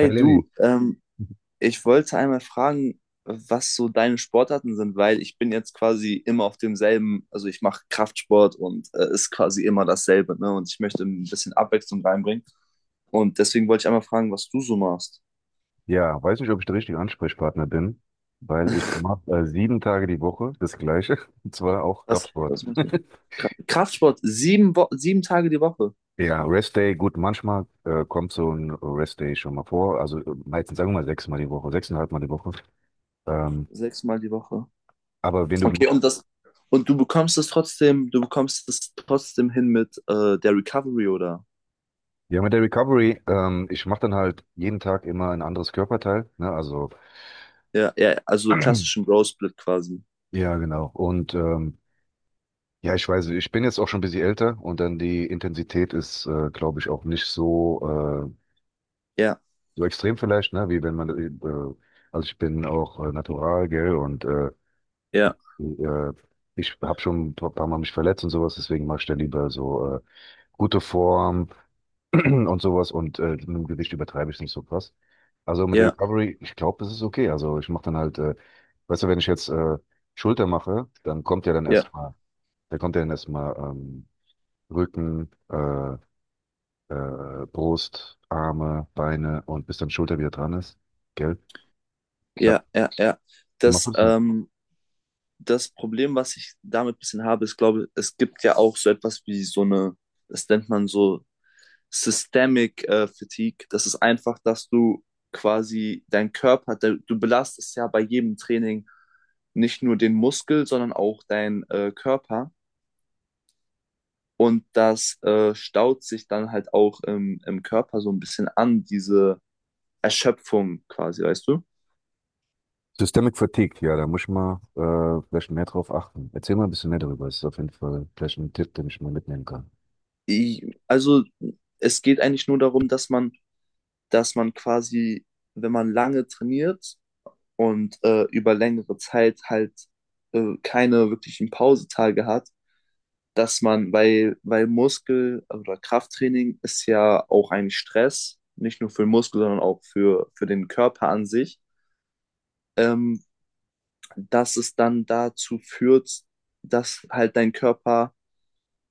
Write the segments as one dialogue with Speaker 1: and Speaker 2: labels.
Speaker 1: Hey Lenny,
Speaker 2: du, ich wollte einmal fragen, was so deine Sportarten sind, weil ich bin jetzt quasi immer auf demselben, also ich mache Kraftsport und ist quasi immer dasselbe, ne? Und ich möchte ein bisschen Abwechslung reinbringen. Und deswegen wollte ich einmal fragen, was du so machst.
Speaker 1: ja, weiß nicht, ob ich der richtige Ansprechpartner bin, weil ich mache 7 Tage die Woche das Gleiche, und zwar auch
Speaker 2: Was,
Speaker 1: Kraftsport.
Speaker 2: was machst du? Kraftsport, sieben Tage die Woche,
Speaker 1: Ja, Rest Day, gut, manchmal kommt so ein Rest Day schon mal vor, also meistens sagen wir mal sechsmal die Woche, sechseinhalb Mal die Woche. Ähm,
Speaker 2: sechsmal die Woche.
Speaker 1: aber wenn du
Speaker 2: Okay,
Speaker 1: möchtest.
Speaker 2: und das, und du bekommst es trotzdem, du bekommst es trotzdem hin mit der Recovery, oder?
Speaker 1: Ja, mit der Recovery, ich mache dann halt jeden Tag immer ein anderes Körperteil, ne, also
Speaker 2: Ja, ja, also klassischen Bro-Split quasi.
Speaker 1: ja, genau. Und ja, ich weiß, ich bin jetzt auch schon ein bisschen älter und dann die Intensität ist, glaube ich, auch nicht äh,
Speaker 2: Ja.
Speaker 1: so extrem vielleicht, ne, wie wenn man, also ich bin auch natural, gell, und ich,
Speaker 2: Ja,
Speaker 1: äh, ich habe schon ein paar Mal mich verletzt und sowas, deswegen mache ich da lieber so gute Form und sowas und mit dem Gewicht übertreibe ich es nicht so krass. Also mit der
Speaker 2: ja,
Speaker 1: Recovery, ich glaube, das ist okay. Also ich mache dann halt, weißt du, wenn ich jetzt Schulter mache, dann kommt ja dann
Speaker 2: ja,
Speaker 1: erstmal, da kommt ja dann erstmal Rücken, Brust, Arme, Beine und bis dann Schulter wieder dran ist, gell? Ich habe
Speaker 2: ja, ja, ja.
Speaker 1: Wie machst du
Speaker 2: Das,
Speaker 1: das denn?
Speaker 2: ähm, Das Problem, was ich damit ein bisschen habe, ist, glaube ich, es gibt ja auch so etwas wie so eine, das nennt man so Systemic Fatigue. Das ist einfach, dass du quasi dein Körper, der, du belastest ja bei jedem Training nicht nur den Muskel, sondern auch dein Körper. Und das staut sich dann halt auch im Körper so ein bisschen an, diese Erschöpfung quasi, weißt du?
Speaker 1: Systemic Fatigue, ja, da muss ich mal vielleicht mehr drauf achten. Erzähl mal ein bisschen mehr darüber. Das ist auf jeden Fall vielleicht ein Tipp, den ich mal mitnehmen kann.
Speaker 2: Also es geht eigentlich nur darum, dass man quasi, wenn man lange trainiert und über längere Zeit halt keine wirklichen Pausetage hat, dass man, weil Muskel- oder Krafttraining ist ja auch ein Stress, nicht nur für den Muskel, sondern für den Körper an sich, ähm, dass es dann dazu führt, dass halt dein Körper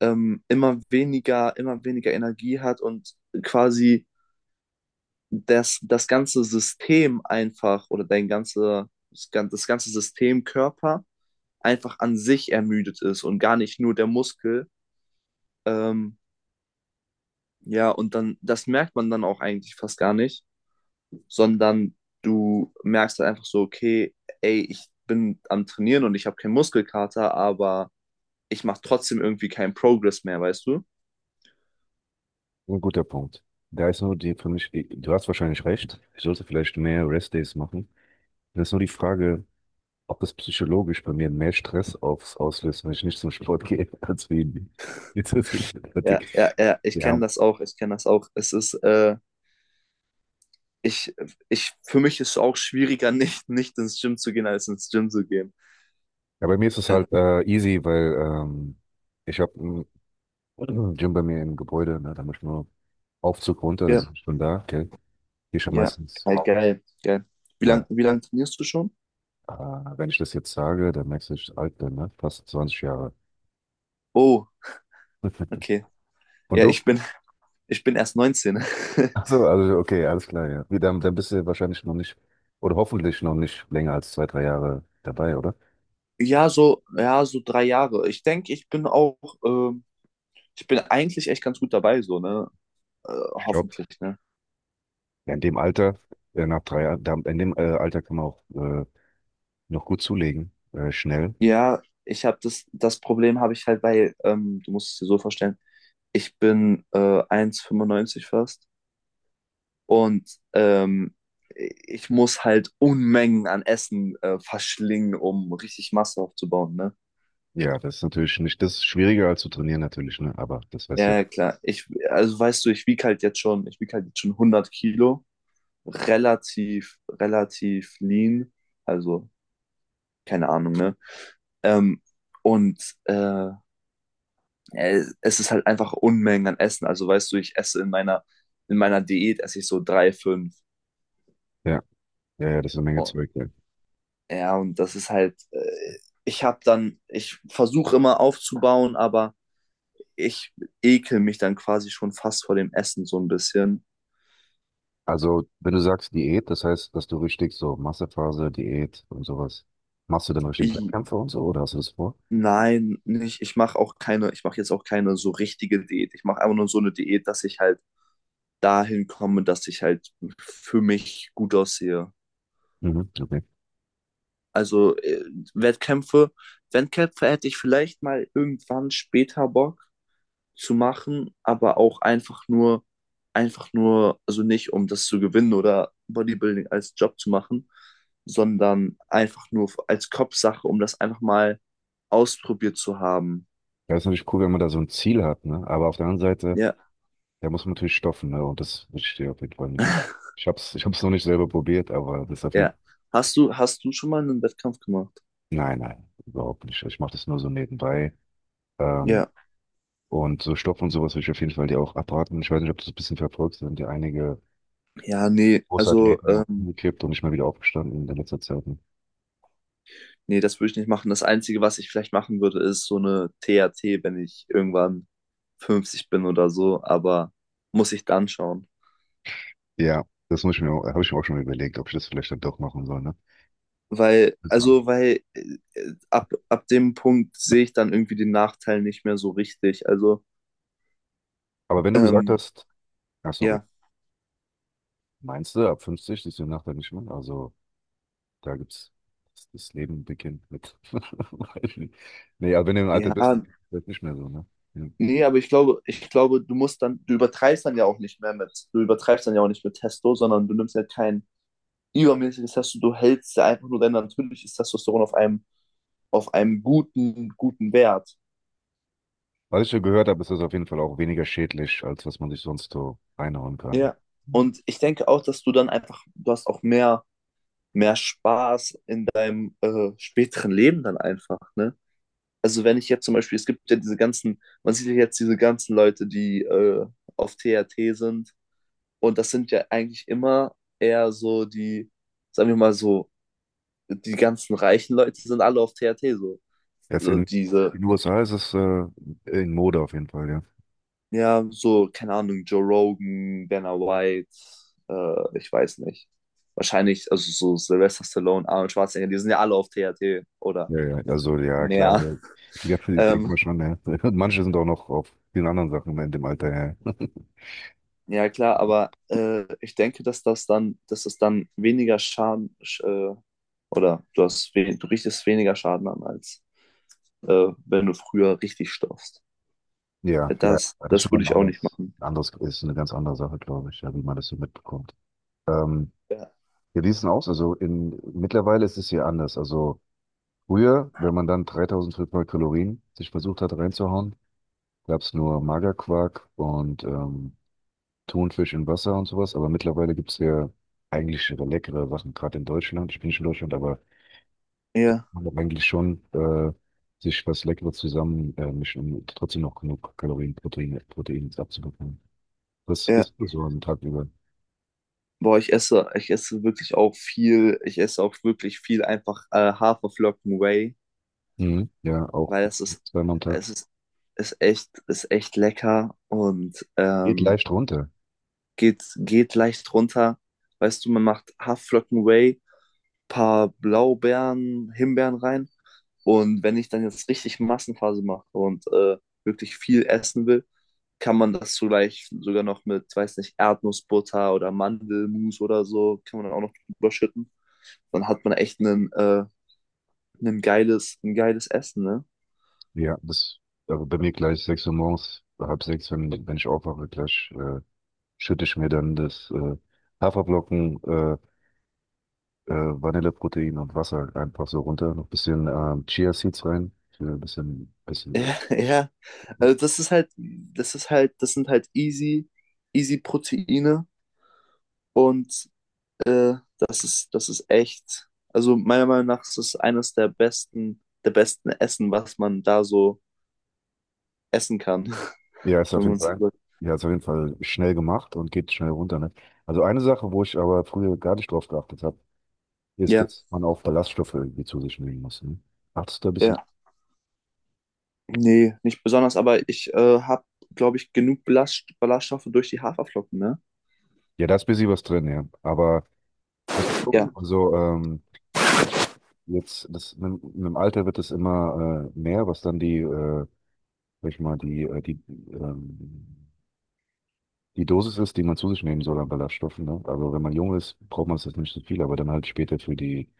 Speaker 2: immer weniger Energie hat und quasi das ganze System einfach oder dein ganze, das ganze System Körper einfach an sich ermüdet ist und gar nicht nur der Muskel. Ähm, ja, und dann, das merkt man dann auch eigentlich fast gar nicht, sondern du merkst halt einfach so, okay, ey, ich bin am Trainieren und ich habe keinen Muskelkater, aber ich mache trotzdem irgendwie keinen Progress mehr, weißt du?
Speaker 1: Ein guter Punkt. Da ist nur die für mich, du hast wahrscheinlich recht. Ich sollte vielleicht mehr Rest-Days machen. Das ist nur die Frage, ob das psychologisch bei mir mehr Stress aufs auslöst, wenn ich nicht zum Sport gehe, als wegen mit Systemic
Speaker 2: Ja,
Speaker 1: Fatigue.
Speaker 2: ja, ja,
Speaker 1: Ja,
Speaker 2: ich kenne das auch. Es ist, ich, ich, für mich ist es auch schwieriger, nicht ins Gym zu gehen, als ins Gym zu gehen.
Speaker 1: ja, bei mir ist es
Speaker 2: Äh,
Speaker 1: halt easy, weil ich habe ein Gym bei mir im Gebäude, ne, da muss ich nur Aufzug runter,
Speaker 2: ja,
Speaker 1: dann bin ich schon da, okay. Hier schon
Speaker 2: ja,
Speaker 1: meistens,
Speaker 2: geil.
Speaker 1: ja,
Speaker 2: Wie lang trainierst du schon?
Speaker 1: wenn ich das jetzt sage, dann merkst du, dass ich alt bin, ne? Fast 20 Jahre.
Speaker 2: Oh, okay.
Speaker 1: Und
Speaker 2: Ja,
Speaker 1: du?
Speaker 2: ich bin, ich bin erst 19.
Speaker 1: Ach so, also okay, alles klar, ja. Dann, bist du wahrscheinlich noch nicht, oder hoffentlich noch nicht länger als 2, 3 Jahre dabei, oder?
Speaker 2: Ja, so, ja, so 3 Jahre. Ich denke, ähm, ich bin eigentlich echt ganz gut dabei, so, ne?
Speaker 1: Ich glaube,
Speaker 2: Hoffentlich, ne?
Speaker 1: ja, in dem Alter, nach 3 Jahren, in dem Alter kann man auch noch gut zulegen, schnell.
Speaker 2: Ja, ich habe das, das Problem habe ich halt, weil, du musst es dir so vorstellen, ich bin 1,95 fast. Und ich muss halt Unmengen an Essen verschlingen, um richtig Masse aufzubauen, ne?
Speaker 1: Ja, das ist natürlich nicht, das ist schwieriger als zu trainieren natürlich, ne? Aber das weißt
Speaker 2: Ja,
Speaker 1: du,
Speaker 2: ja, klar. Also weißt du, ich wiege halt jetzt schon 100 Kilo, relativ lean, also keine Ahnung, ne? Ähm, und äh, es ist halt einfach Unmengen an Essen. Also weißt du, ich esse in meiner Diät esse ich so drei, fünf.
Speaker 1: ja, ja, ja, das ist eine Menge
Speaker 2: Oh.
Speaker 1: Zeug, ja.
Speaker 2: Ja, und das ist halt, ich versuche immer aufzubauen, aber ich ekel mich dann quasi schon fast vor dem Essen so ein bisschen.
Speaker 1: Also, wenn du sagst Diät, das heißt, dass du richtig so Massephase, Diät und sowas, machst du dann richtig
Speaker 2: Ich,
Speaker 1: Wettkämpfe und so oder hast du das vor?
Speaker 2: nein, nicht. Ich mache jetzt auch keine so richtige Diät. Ich mache einfach nur so eine Diät, dass ich halt dahin komme, dass ich halt für mich gut aussehe.
Speaker 1: Mhm, okay.
Speaker 2: Also Wettkämpfe, Wettkämpfe hätte ich vielleicht mal irgendwann später Bock, zu machen, aber einfach nur, also nicht um das zu gewinnen oder Bodybuilding als Job zu machen, sondern einfach nur als Kopfsache, um das einfach mal ausprobiert zu haben.
Speaker 1: Ja, ist natürlich cool, wenn man da so ein Ziel hat, ne? Aber auf der anderen Seite,
Speaker 2: Ja,
Speaker 1: da muss man natürlich stoffen, ne? Und das will ich dir auf jeden Fall nicht hin. Ich hab's, noch nicht selber probiert, aber das ist auf jeden
Speaker 2: ja.
Speaker 1: Fall.
Speaker 2: Hast du schon mal einen Wettkampf gemacht?
Speaker 1: Nein, nein, überhaupt nicht. Ich mache das nur so nebenbei. Ähm,
Speaker 2: Ja.
Speaker 1: und so Stoff und sowas will ich auf jeden Fall dir auch abraten. Ich weiß nicht, ob du das ein bisschen verfolgst, da sind ja einige
Speaker 2: Ja, nee,
Speaker 1: Großathleten auch umgekippt und nicht mal wieder aufgestanden in der letzten Zeit, ne?
Speaker 2: nee, das würde ich nicht machen. Das Einzige, was ich vielleicht machen würde, ist so eine TAT, wenn ich irgendwann 50 bin oder so, aber muss ich dann schauen.
Speaker 1: Ja, das muss ich mir, habe ich mir auch schon überlegt, ob ich das vielleicht dann doch machen soll, ne?
Speaker 2: Weil,
Speaker 1: Also.
Speaker 2: also, weil äh, ab, ab dem Punkt sehe ich dann irgendwie den Nachteil nicht mehr so richtig. Also,
Speaker 1: Aber wenn du gesagt
Speaker 2: ähm,
Speaker 1: hast, ah, sorry,
Speaker 2: ja,
Speaker 1: meinst du, ab 50 ist die Nacht dann nicht mehr? Also, da gibt's, das Leben beginnt mit. Weiß ich nicht. Nee, aber wenn du im Alter bist,
Speaker 2: ja,
Speaker 1: dann ist das nicht mehr so, ne? Ja.
Speaker 2: nee, aber ich glaube, du musst dann, du übertreibst dann ja auch nicht mit Testo, sondern du nimmst ja kein übermäßiges Testo, du hältst ja einfach nur dein natürliches Testosteron auf einem, guten Wert.
Speaker 1: Was ich ja gehört habe, ist das auf jeden Fall auch weniger schädlich, als was man sich sonst so reinhauen kann, ne?
Speaker 2: Ja. Und ich denke auch, dass du dann einfach, du hast auch mehr, mehr Spaß in deinem späteren Leben dann einfach, ne? Also wenn ich jetzt zum Beispiel, es gibt ja diese ganzen, man sieht ja jetzt diese ganzen Leute, die auf TRT sind. Und das sind ja eigentlich immer eher so die, sagen wir mal so, die ganzen reichen Leute sind alle auf TRT so.
Speaker 1: Jetzt
Speaker 2: Also
Speaker 1: in
Speaker 2: diese,
Speaker 1: den USA ist es in Mode auf jeden Fall, ja.
Speaker 2: ja, so, keine Ahnung, Joe Rogan, Dana White, ich weiß nicht. Wahrscheinlich, also so Sylvester Stallone, Arnold Schwarzenegger, die sind ja alle auf TRT oder
Speaker 1: Ja, ja, also ja, klar.
Speaker 2: mehr.
Speaker 1: So. Ja, denkt
Speaker 2: Ähm,
Speaker 1: man schon, ja. Und manche sind auch noch auf vielen anderen Sachen in dem Alter, ja.
Speaker 2: ja, klar, aber ich denke, dass das dann, dass es dann weniger Schaden sch- oder du hast we du richtest weniger Schaden an, als wenn du früher richtig stopfst.
Speaker 1: Ja, ja, das ist
Speaker 2: Das würde
Speaker 1: schon
Speaker 2: ich auch nicht
Speaker 1: anders.
Speaker 2: machen.
Speaker 1: Anders ist eine ganz andere Sache, glaube ich, ja, wie man das so mitbekommt. Ähm,
Speaker 2: Ja.
Speaker 1: ja, wie ist denn aus? Mittlerweile ist es hier anders. Also früher, wenn man dann 3.500 Kalorien sich versucht hat reinzuhauen, gab es nur Magerquark und Thunfisch in Wasser und sowas. Aber mittlerweile gibt es ja eigentlich leckere Sachen, gerade in Deutschland. Ich bin nicht in Deutschland, aber
Speaker 2: Ja,
Speaker 1: man hat eigentlich schon sich was Leckeres zusammen mischen, um trotzdem noch genug Kalorien, Proteine, Protein abzubekommen. Das
Speaker 2: ja.
Speaker 1: isst man so am Tag über.
Speaker 2: Boah, ich esse wirklich auch viel, ich esse auch wirklich viel einfach Haferflocken Whey,
Speaker 1: Mhm. Ja, auch
Speaker 2: weil
Speaker 1: zweimal am Tag.
Speaker 2: es ist, ist echt lecker und
Speaker 1: Geht leicht runter.
Speaker 2: geht leicht runter. Weißt du, man macht Haferflocken Whey, paar Blaubeeren, Himbeeren rein. Und wenn ich dann jetzt richtig Massenphase mache und wirklich viel essen will, kann man das vielleicht sogar noch mit, weiß nicht, Erdnussbutter oder Mandelmus oder so, kann man dann auch noch drüber schütten. Dann hat man echt einen, ein geiles Essen, ne?
Speaker 1: Ja, das, aber bei mir gleich 6 Uhr morgens, halb sechs, wenn ich aufwache, gleich schütte ich mir dann das Haferflocken Vanilleprotein und Wasser halt einfach so runter. Noch ein bisschen Chia Seeds rein. Für ein bisschen, bisschen
Speaker 2: Ja, ja.
Speaker 1: äh,
Speaker 2: Also das ist halt, das sind halt easy, easy Proteine und das ist echt, also meiner Meinung nach ist es eines der besten Essen, was man da so essen kann,
Speaker 1: Ja, ist auf
Speaker 2: wenn
Speaker 1: jeden
Speaker 2: man so
Speaker 1: Fall,
Speaker 2: sagt.
Speaker 1: ja, ist auf jeden Fall schnell gemacht und geht schnell runter, ne? Also eine Sache, wo ich aber früher gar nicht drauf geachtet habe, ist,
Speaker 2: Ja,
Speaker 1: dass man auch Ballaststoffe irgendwie zu sich nehmen muss, ne? Achtest du da ein bisschen?
Speaker 2: ja. Nee, nicht besonders, aber ich glaube ich, genug Ballaststoffe durch die Haferflocken, ne?
Speaker 1: Ja, da ist ein bisschen was drin, ja. Aber muss man
Speaker 2: Ja,
Speaker 1: gucken. Also. Jetzt, das, mit dem Alter wird es immer mehr, was dann die, sag ich mal, ähm, die Dosis ist, die man zu sich nehmen soll an Ballaststoffen. Ne? Also wenn man jung ist, braucht man es jetzt nicht so viel, aber dann halt später für die,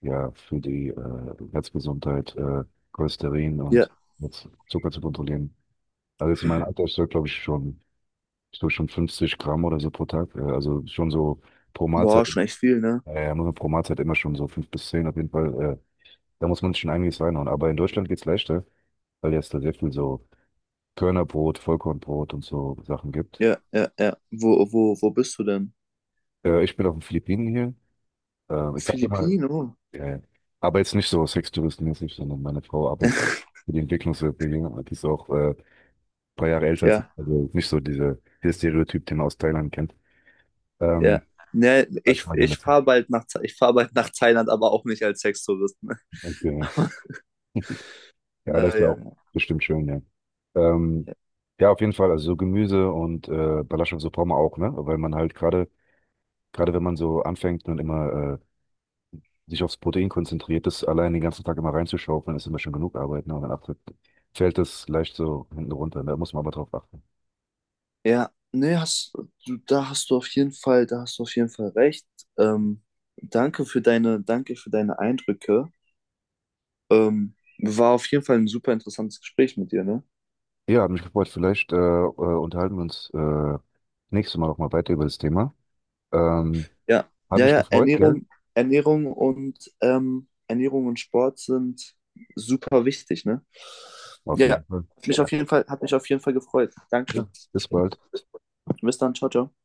Speaker 1: ja, für die Herzgesundheit, Cholesterin
Speaker 2: ja.
Speaker 1: und jetzt Zucker zu kontrollieren. Also jetzt in meinem Alter, ich soll schon 50 Gramm oder so pro Tag, also schon so pro Mahlzeit,
Speaker 2: Boah, schon echt viel, ne?
Speaker 1: muss man pro Mahlzeit immer schon so 5 bis 10 auf jeden Fall, da muss man sich schon einiges reinhauen. Aber in Deutschland geht's leichter, weil jetzt da sehr viel so Körnerbrot, Vollkornbrot und so Sachen gibt.
Speaker 2: Ja, ja, ja. Wo bist du denn?
Speaker 1: Ich bin auf den Philippinen hier. Ich sag dir mal,
Speaker 2: Philippinen, oh.
Speaker 1: äh, aber jetzt nicht so sextouristenmäßig, sondern meine Frau arbeitet für die Entwicklungshilfe hier. Die ist auch ein paar Jahre älter als ich,
Speaker 2: Ja,
Speaker 1: also nicht so dieser Stereotyp, den man aus Thailand kennt.
Speaker 2: ja.
Speaker 1: Ähm,
Speaker 2: Ne,
Speaker 1: Sag ich mal gerne dazu.
Speaker 2: ich fahr bald nach Thailand, aber auch nicht als Sextourist, ne?
Speaker 1: Okay, ja. Ja, das ist ja
Speaker 2: Ja,
Speaker 1: auch
Speaker 2: ja.
Speaker 1: bestimmt schön, ja. Ähm, ja, auf jeden Fall, also so Gemüse und Ballaststoffe, so braucht man auch, ne? Weil man halt gerade wenn man so anfängt und immer sich aufs Protein konzentriert, das allein den ganzen Tag immer reinzuschaufeln, ist immer schon genug Arbeit, ne? Und dann fällt das leicht so hinten runter, ne? Da muss man aber drauf achten.
Speaker 2: Ja, nee, da hast du auf jeden Fall, da hast du auf jeden Fall recht. Ähm, danke für deine Eindrücke. War auf jeden Fall ein super interessantes Gespräch mit dir, ne?
Speaker 1: Ja, hat mich gefreut. Vielleicht unterhalten wir uns nächstes Mal nochmal weiter über das Thema. Ähm,
Speaker 2: Ja,
Speaker 1: Hat
Speaker 2: ja,
Speaker 1: mich
Speaker 2: ja,
Speaker 1: gefreut, gell?
Speaker 2: Ernährung und Ernährung und Sport sind super wichtig, ne?
Speaker 1: Auf
Speaker 2: Ja,
Speaker 1: jeden Fall.
Speaker 2: hat mich
Speaker 1: Ja,
Speaker 2: auf jeden Fall, hat mich auf jeden Fall gefreut.
Speaker 1: ja.
Speaker 2: Danke.
Speaker 1: Bis bald.
Speaker 2: Bis dann, ciao, ciao.